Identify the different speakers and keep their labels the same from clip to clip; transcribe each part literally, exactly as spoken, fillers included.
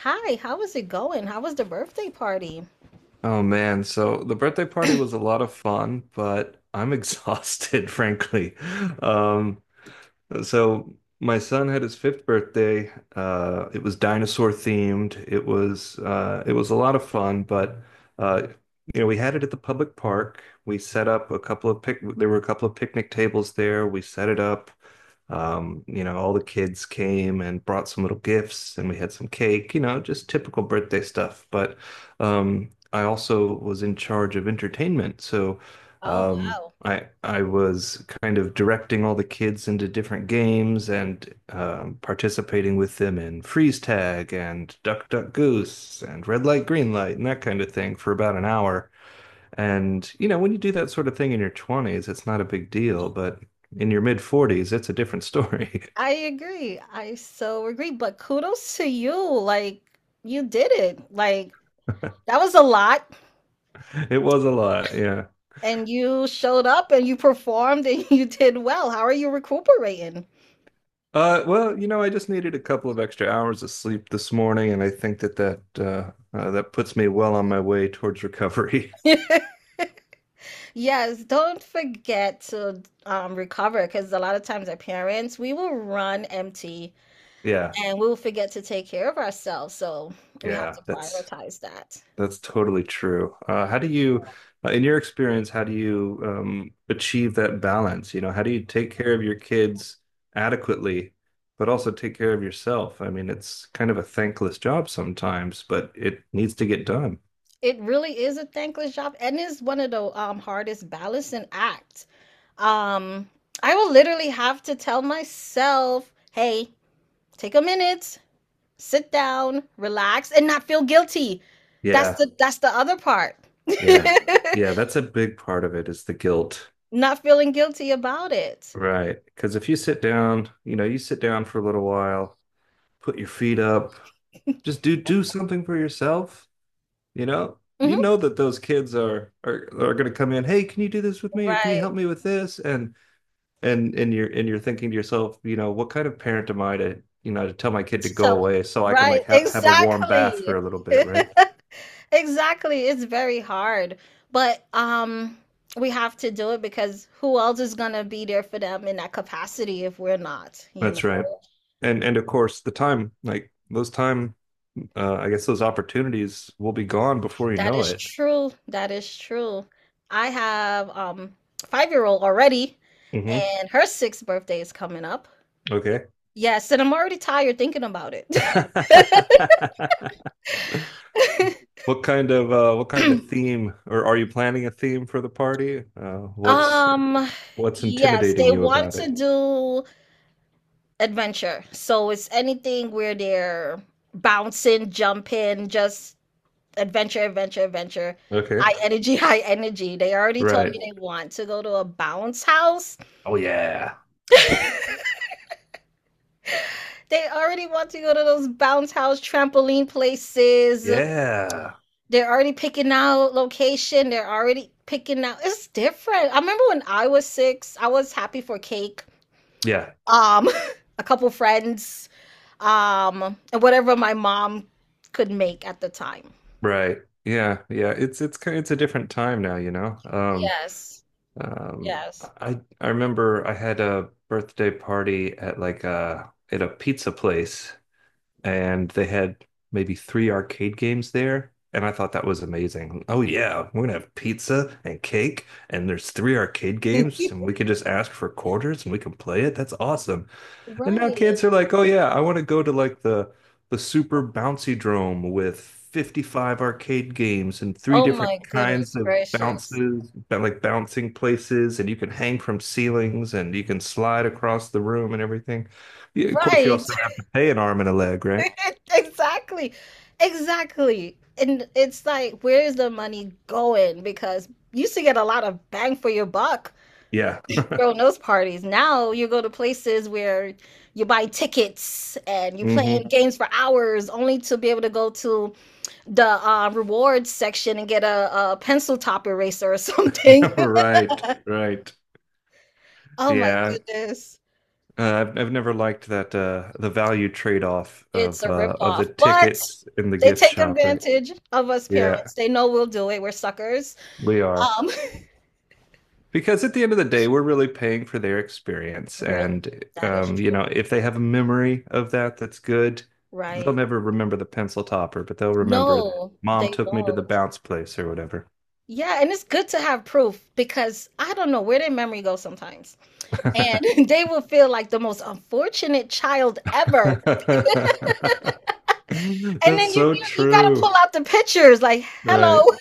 Speaker 1: Hi, how is it going? How was the birthday party?
Speaker 2: Oh man, so the birthday party was a lot of fun, but I'm exhausted, frankly. Um, so my son had his fifth birthday. Uh, it was dinosaur themed. It was uh, it was a lot of fun, but uh, you know we had it at the public park. We set up a couple of pic. There were a couple of picnic tables there. We set it up. Um, you know, all the kids came and brought some little gifts, and we had some cake. You know, just typical birthday stuff. But um, I also was in charge of entertainment, so.
Speaker 1: Oh,
Speaker 2: Um,
Speaker 1: wow.
Speaker 2: I I was kind of directing all the kids into different games and um, participating with them in freeze tag and duck duck goose and red light green light and that kind of thing for about an hour. And you know, when you do that sort of thing in your twenties, it's not a big deal, but in your mid forties, it's a different story.
Speaker 1: I agree. I so agree. But kudos to you. Like, you did it. Like, that was a lot.
Speaker 2: It was a lot, yeah.
Speaker 1: And you showed up and you performed and you did well. How are you recuperating?
Speaker 2: Uh, well, you know, I just needed a couple of extra hours of sleep this morning, and I think that that uh, uh, that puts me well on my way towards recovery.
Speaker 1: Yes, don't forget to um, recover because a lot of times our parents, we will run empty,
Speaker 2: Yeah.
Speaker 1: and we'll forget to take care of ourselves. So we have
Speaker 2: Yeah,
Speaker 1: to
Speaker 2: that's
Speaker 1: prioritize that.
Speaker 2: that's totally true. Uh, how do you, uh, in your experience, how do you um, achieve that balance? You know, how do you take care of your kids adequately, but also take care of yourself? I mean, it's kind of a thankless job sometimes, but it needs to get done.
Speaker 1: It really is a thankless job and is one of the um, hardest balancing act. Um, I will literally have to tell myself, hey, take a minute, sit down, relax, and not feel guilty. That's
Speaker 2: Yeah,
Speaker 1: the that's the other part.
Speaker 2: yeah, yeah. That's a big part of it is the guilt,
Speaker 1: Not feeling guilty about it.
Speaker 2: right? Because if you sit down, you know, you sit down for a little while, put your feet up, just do do something for yourself. You know, you
Speaker 1: Mhm.
Speaker 2: know that those kids are are are going to come in, "Hey, can you do this with me or can you
Speaker 1: Right.
Speaker 2: help me with this?" and and and you're and you're thinking to yourself, you know, what kind of parent am I to, you know, to tell my kid to go
Speaker 1: So,
Speaker 2: away so I can
Speaker 1: right,
Speaker 2: like have have a warm bath for a
Speaker 1: exactly.
Speaker 2: little bit, right?
Speaker 1: Exactly. It's very hard. But um we have to do it because who else is going to be there for them in that capacity if we're not, you
Speaker 2: That's right.
Speaker 1: know?
Speaker 2: And and of course, the time like those time uh I guess those opportunities will be gone before you
Speaker 1: That
Speaker 2: know
Speaker 1: is
Speaker 2: it.
Speaker 1: true. That is true. I have um five-year-old already,
Speaker 2: Mm-hmm.
Speaker 1: and her sixth birthday is coming up.
Speaker 2: Okay.
Speaker 1: Yes, and I'm already tired thinking about it.
Speaker 2: What kind of uh what kind of theme or are you planning a theme for the party? Uh, what's
Speaker 1: Um,
Speaker 2: What's
Speaker 1: yes, they
Speaker 2: intimidating you
Speaker 1: want
Speaker 2: about
Speaker 1: to
Speaker 2: it?
Speaker 1: do adventure. So it's anything where they're bouncing, jumping, just adventure, adventure, adventure,
Speaker 2: Okay.
Speaker 1: high energy, high energy. They already told me
Speaker 2: Right.
Speaker 1: they want to go to a bounce house.
Speaker 2: Oh yeah.
Speaker 1: They already want to go to those bounce house trampoline places.
Speaker 2: Yeah.
Speaker 1: They're already picking out location. They're already picking out. It's different. I remember when I was six, I was happy for cake.
Speaker 2: Yeah.
Speaker 1: Um, a couple friends, um, and whatever my mom could make at the time.
Speaker 2: Right. Yeah. Yeah. It's it's kind it's a different time now, you know. Um
Speaker 1: Yes.
Speaker 2: um
Speaker 1: Yes.
Speaker 2: I I remember I had a birthday party at like a at a pizza place and they had maybe three arcade games there and I thought that was amazing. Oh yeah, we're gonna have pizza and cake and there's three arcade games and we can just ask for quarters and we can play it. That's awesome. And now
Speaker 1: Right.
Speaker 2: kids are like, oh yeah, I want to go to like the the super bouncy drome with fifty-five arcade games and three
Speaker 1: Oh
Speaker 2: different
Speaker 1: my
Speaker 2: kinds
Speaker 1: goodness
Speaker 2: of
Speaker 1: gracious.
Speaker 2: bounces, ba- like bouncing places, and you can hang from ceilings and you can slide across the room and everything. Yeah, of course, you
Speaker 1: Right.
Speaker 2: also have to pay an arm and a leg, right?
Speaker 1: Exactly. Exactly. And it's like, where's the money going? Because you used to get a lot of bang for your buck
Speaker 2: Yeah.
Speaker 1: throwing those parties. Now you go to places where you buy tickets and you're playing
Speaker 2: Hmm.
Speaker 1: games for hours only to be able to go to the uh, rewards section and get a, a pencil top eraser or something.
Speaker 2: Right, right.
Speaker 1: Oh my
Speaker 2: Yeah.
Speaker 1: goodness.
Speaker 2: Uh, I've I've never liked that uh the value trade-off
Speaker 1: It's
Speaker 2: of
Speaker 1: a
Speaker 2: uh of the
Speaker 1: ripoff. But
Speaker 2: tickets in the
Speaker 1: they
Speaker 2: gift
Speaker 1: take
Speaker 2: shop, right?
Speaker 1: advantage of us
Speaker 2: Yeah,
Speaker 1: parents. They know we'll do it. We're suckers.
Speaker 2: we are.
Speaker 1: Um,
Speaker 2: Because at the end of the day, we're really paying for their experience.
Speaker 1: really,
Speaker 2: And,
Speaker 1: that is
Speaker 2: um, you
Speaker 1: true.
Speaker 2: know, if they have a memory of that, that's good. They'll
Speaker 1: Right.
Speaker 2: never remember the pencil topper, but they'll remember that
Speaker 1: No,
Speaker 2: mom
Speaker 1: they
Speaker 2: took me to the
Speaker 1: won't.
Speaker 2: bounce place or whatever.
Speaker 1: Yeah, and it's good to have proof because I don't know where their memory goes sometimes. And they will feel like the most unfortunate child ever. And
Speaker 2: That's
Speaker 1: then you
Speaker 2: so
Speaker 1: you, you gotta pull
Speaker 2: true.
Speaker 1: out the pictures like,
Speaker 2: Right.
Speaker 1: hello,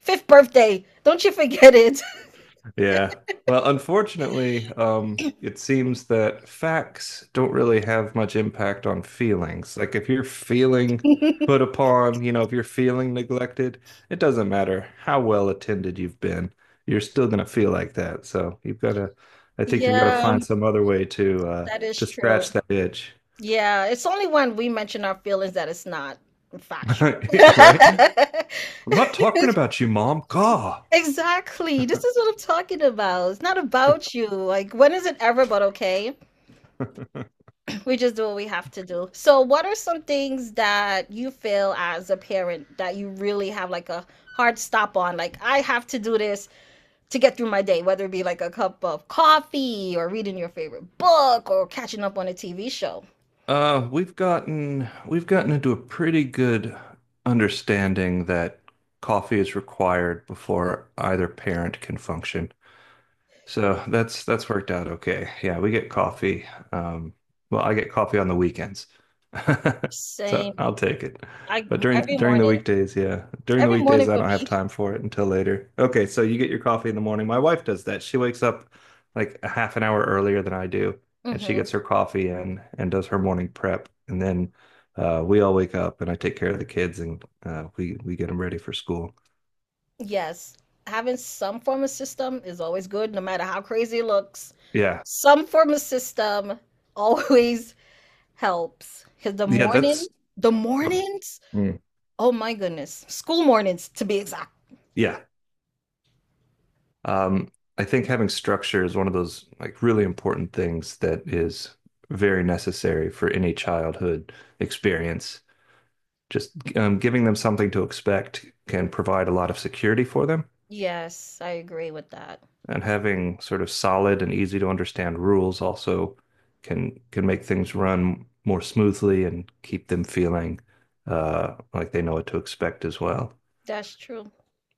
Speaker 1: fifth birthday. Don't you forget it.
Speaker 2: Yeah. Well, unfortunately, um, it seems that facts don't really have much impact on feelings. Like if you're feeling put upon, you know, if you're feeling neglected, it doesn't matter how well attended you've been, you're still gonna feel like that. So you've got to, I think you've got to
Speaker 1: Yeah,
Speaker 2: find some other way to uh,
Speaker 1: that is
Speaker 2: to
Speaker 1: true.
Speaker 2: scratch that itch,
Speaker 1: Yeah, it's only when we mention our feelings that it's not factual.
Speaker 2: right? I'm not talking about you, Mom. God.
Speaker 1: Exactly. This is what I'm talking about. It's not about you. Like, when is it ever but okay? We just do what we have to do. So, what are some things that you feel as a parent that you really have like a hard stop on? Like, I have to do this to get through my day, whether it be like a cup of coffee or reading your favorite book or catching up on a T V show.
Speaker 2: Uh, we've gotten we've gotten into a pretty good understanding that coffee is required before either parent can function. So that's that's worked out okay. Yeah, we get coffee. Um, well, I get coffee on the weekends. So
Speaker 1: Same.
Speaker 2: I'll take it.
Speaker 1: I
Speaker 2: But during
Speaker 1: every
Speaker 2: during the
Speaker 1: morning.
Speaker 2: weekdays, yeah. During the
Speaker 1: Every morning
Speaker 2: weekdays, I
Speaker 1: for
Speaker 2: don't have
Speaker 1: me.
Speaker 2: time for it until later. Okay, so you get your coffee in the morning. My wife does that. She wakes up like a half an hour earlier than I do, and she
Speaker 1: Mm-hmm.
Speaker 2: gets her coffee in and does her morning prep. And then uh, we all wake up and I take care of the kids and uh, we we get them ready for school.
Speaker 1: Yes, having some form of system is always good, no matter how crazy it looks.
Speaker 2: Yeah.
Speaker 1: Some form of system always helps. Because the
Speaker 2: Yeah,
Speaker 1: morning,
Speaker 2: that's
Speaker 1: the
Speaker 2: oh,
Speaker 1: mornings,
Speaker 2: mm.
Speaker 1: oh my goodness, school mornings to be exact.
Speaker 2: Yeah, Um, I think having structure is one of those like really important things that is very necessary for any childhood experience. Just um, giving them something to expect can provide a lot of security for them,
Speaker 1: Yes, I agree with that.
Speaker 2: and having sort of solid and easy to understand rules also can can make things run more smoothly and keep them feeling uh, like they know what to expect as well.
Speaker 1: That's true.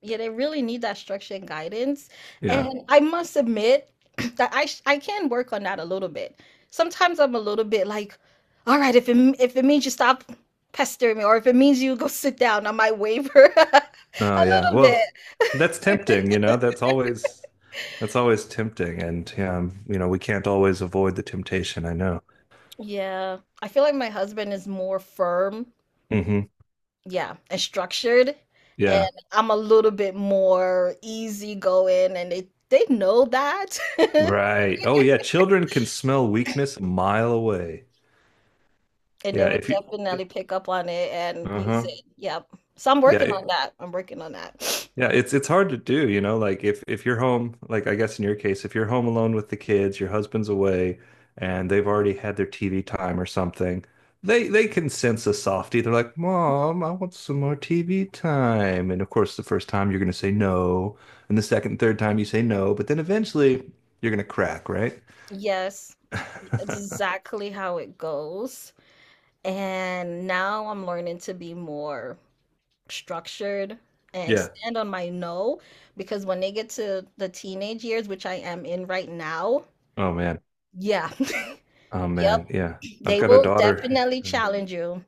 Speaker 1: Yeah, they really need that structure and guidance.
Speaker 2: Yeah.
Speaker 1: And I must admit that I sh- I can work on that a little bit. Sometimes I'm a little bit like, all right, if it m- if it means you stop pestering me, or if it means you go sit down, I might waver a
Speaker 2: Oh yeah.
Speaker 1: little bit.
Speaker 2: Well, that's tempting, you know. That's always that's always tempting and um, you know, we can't always avoid the temptation, I know.
Speaker 1: Yeah, I feel like my husband is more firm,
Speaker 2: Hmm.
Speaker 1: yeah, and structured, and
Speaker 2: Yeah.
Speaker 1: I'm a little bit more easygoing, and they they know that.
Speaker 2: Right. Oh yeah, children can smell weakness a mile away.
Speaker 1: And they
Speaker 2: Yeah,
Speaker 1: would
Speaker 2: if you,
Speaker 1: definitely pick up on it and use
Speaker 2: uh-huh.
Speaker 1: it. Yep. So I'm working
Speaker 2: Yeah.
Speaker 1: on that. I'm working on that.
Speaker 2: Yeah, it's it's hard to do, you know, like if if you're home, like I guess in your case, if you're home alone with the kids, your husband's away and they've already had their T V time or something, they they can sense a softie. They're like, "Mom, I want some more T V time." And of course, the first time you're going to say no, and the second and third time you say no, but then eventually you're going to crack, right?
Speaker 1: Yes, exactly how it goes. And now I'm learning to be more structured and
Speaker 2: Yeah.
Speaker 1: stand on my no, because when they get to the teenage years, which I am in right now,
Speaker 2: Oh man.
Speaker 1: yeah,
Speaker 2: Oh
Speaker 1: yep,
Speaker 2: man. Yeah. I've
Speaker 1: they
Speaker 2: got a
Speaker 1: will
Speaker 2: daughter.
Speaker 1: definitely challenge you.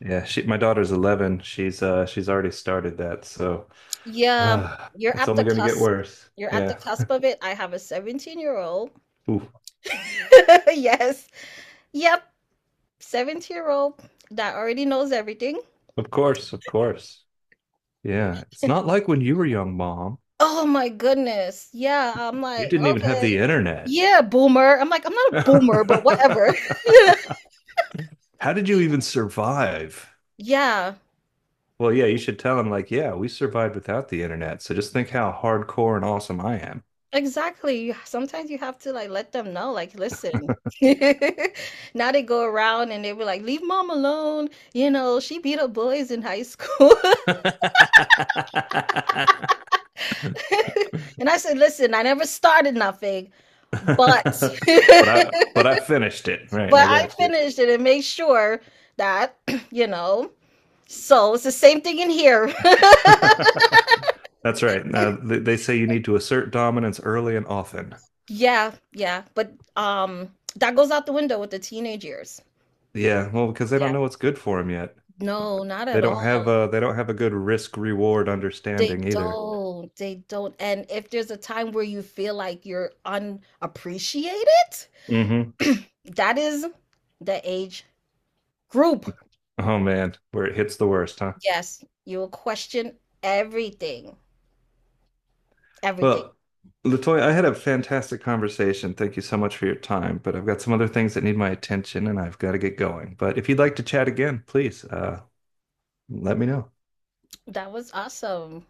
Speaker 2: Yeah, she my daughter's eleven. She's uh she's already started that, so.
Speaker 1: Yeah,
Speaker 2: Ah,
Speaker 1: you're
Speaker 2: it's
Speaker 1: at the
Speaker 2: only going to get
Speaker 1: cusp.
Speaker 2: worse.
Speaker 1: You're at the
Speaker 2: Yeah.
Speaker 1: cusp of it. I have a seventeen year old.
Speaker 2: Ooh,
Speaker 1: Yes. Yep. seventy year old that already knows everything.
Speaker 2: of course, of course. Yeah. It's not like when you were young, Mom.
Speaker 1: Oh my goodness. Yeah, I'm
Speaker 2: You
Speaker 1: like,
Speaker 2: didn't even have the
Speaker 1: okay.
Speaker 2: internet.
Speaker 1: Yeah, boomer. I'm like, I'm not a boomer, but whatever.
Speaker 2: How did you even survive?
Speaker 1: Yeah,
Speaker 2: Well, yeah, you should tell him, like, yeah, we survived without the internet. So just think how hardcore and awesome I
Speaker 1: exactly. You- Sometimes you have to like let them know, like, listen. Now they go around and they be like, leave mom alone. You know, she beat up boys in high school.
Speaker 2: am.
Speaker 1: And I said, listen, I never started nothing, but
Speaker 2: But I but I finished it. Right,
Speaker 1: but
Speaker 2: I
Speaker 1: I
Speaker 2: got you.
Speaker 1: finished it and made sure that, you know. So it's the same thing in here.
Speaker 2: That's right. Uh, they, they say you need to assert dominance early and often.
Speaker 1: Yeah, yeah. But um that goes out the window with the teenage years.
Speaker 2: Yeah, well, because they don't
Speaker 1: Yeah.
Speaker 2: know what's good for them yet.
Speaker 1: No, not at
Speaker 2: They don't have
Speaker 1: all.
Speaker 2: a they don't have a good risk reward
Speaker 1: They
Speaker 2: understanding either.
Speaker 1: don't. They don't. And if there's a time where you feel like you're unappreciated,
Speaker 2: Hmm.
Speaker 1: that is the age group.
Speaker 2: Oh man, where it hits the worst, huh?
Speaker 1: Yes, you will question everything. Everything.
Speaker 2: Well, Latoya, I had a fantastic conversation. Thank you so much for your time, but I've got some other things that need my attention and I've got to get going. But if you'd like to chat again, please uh, let me know.
Speaker 1: That was awesome.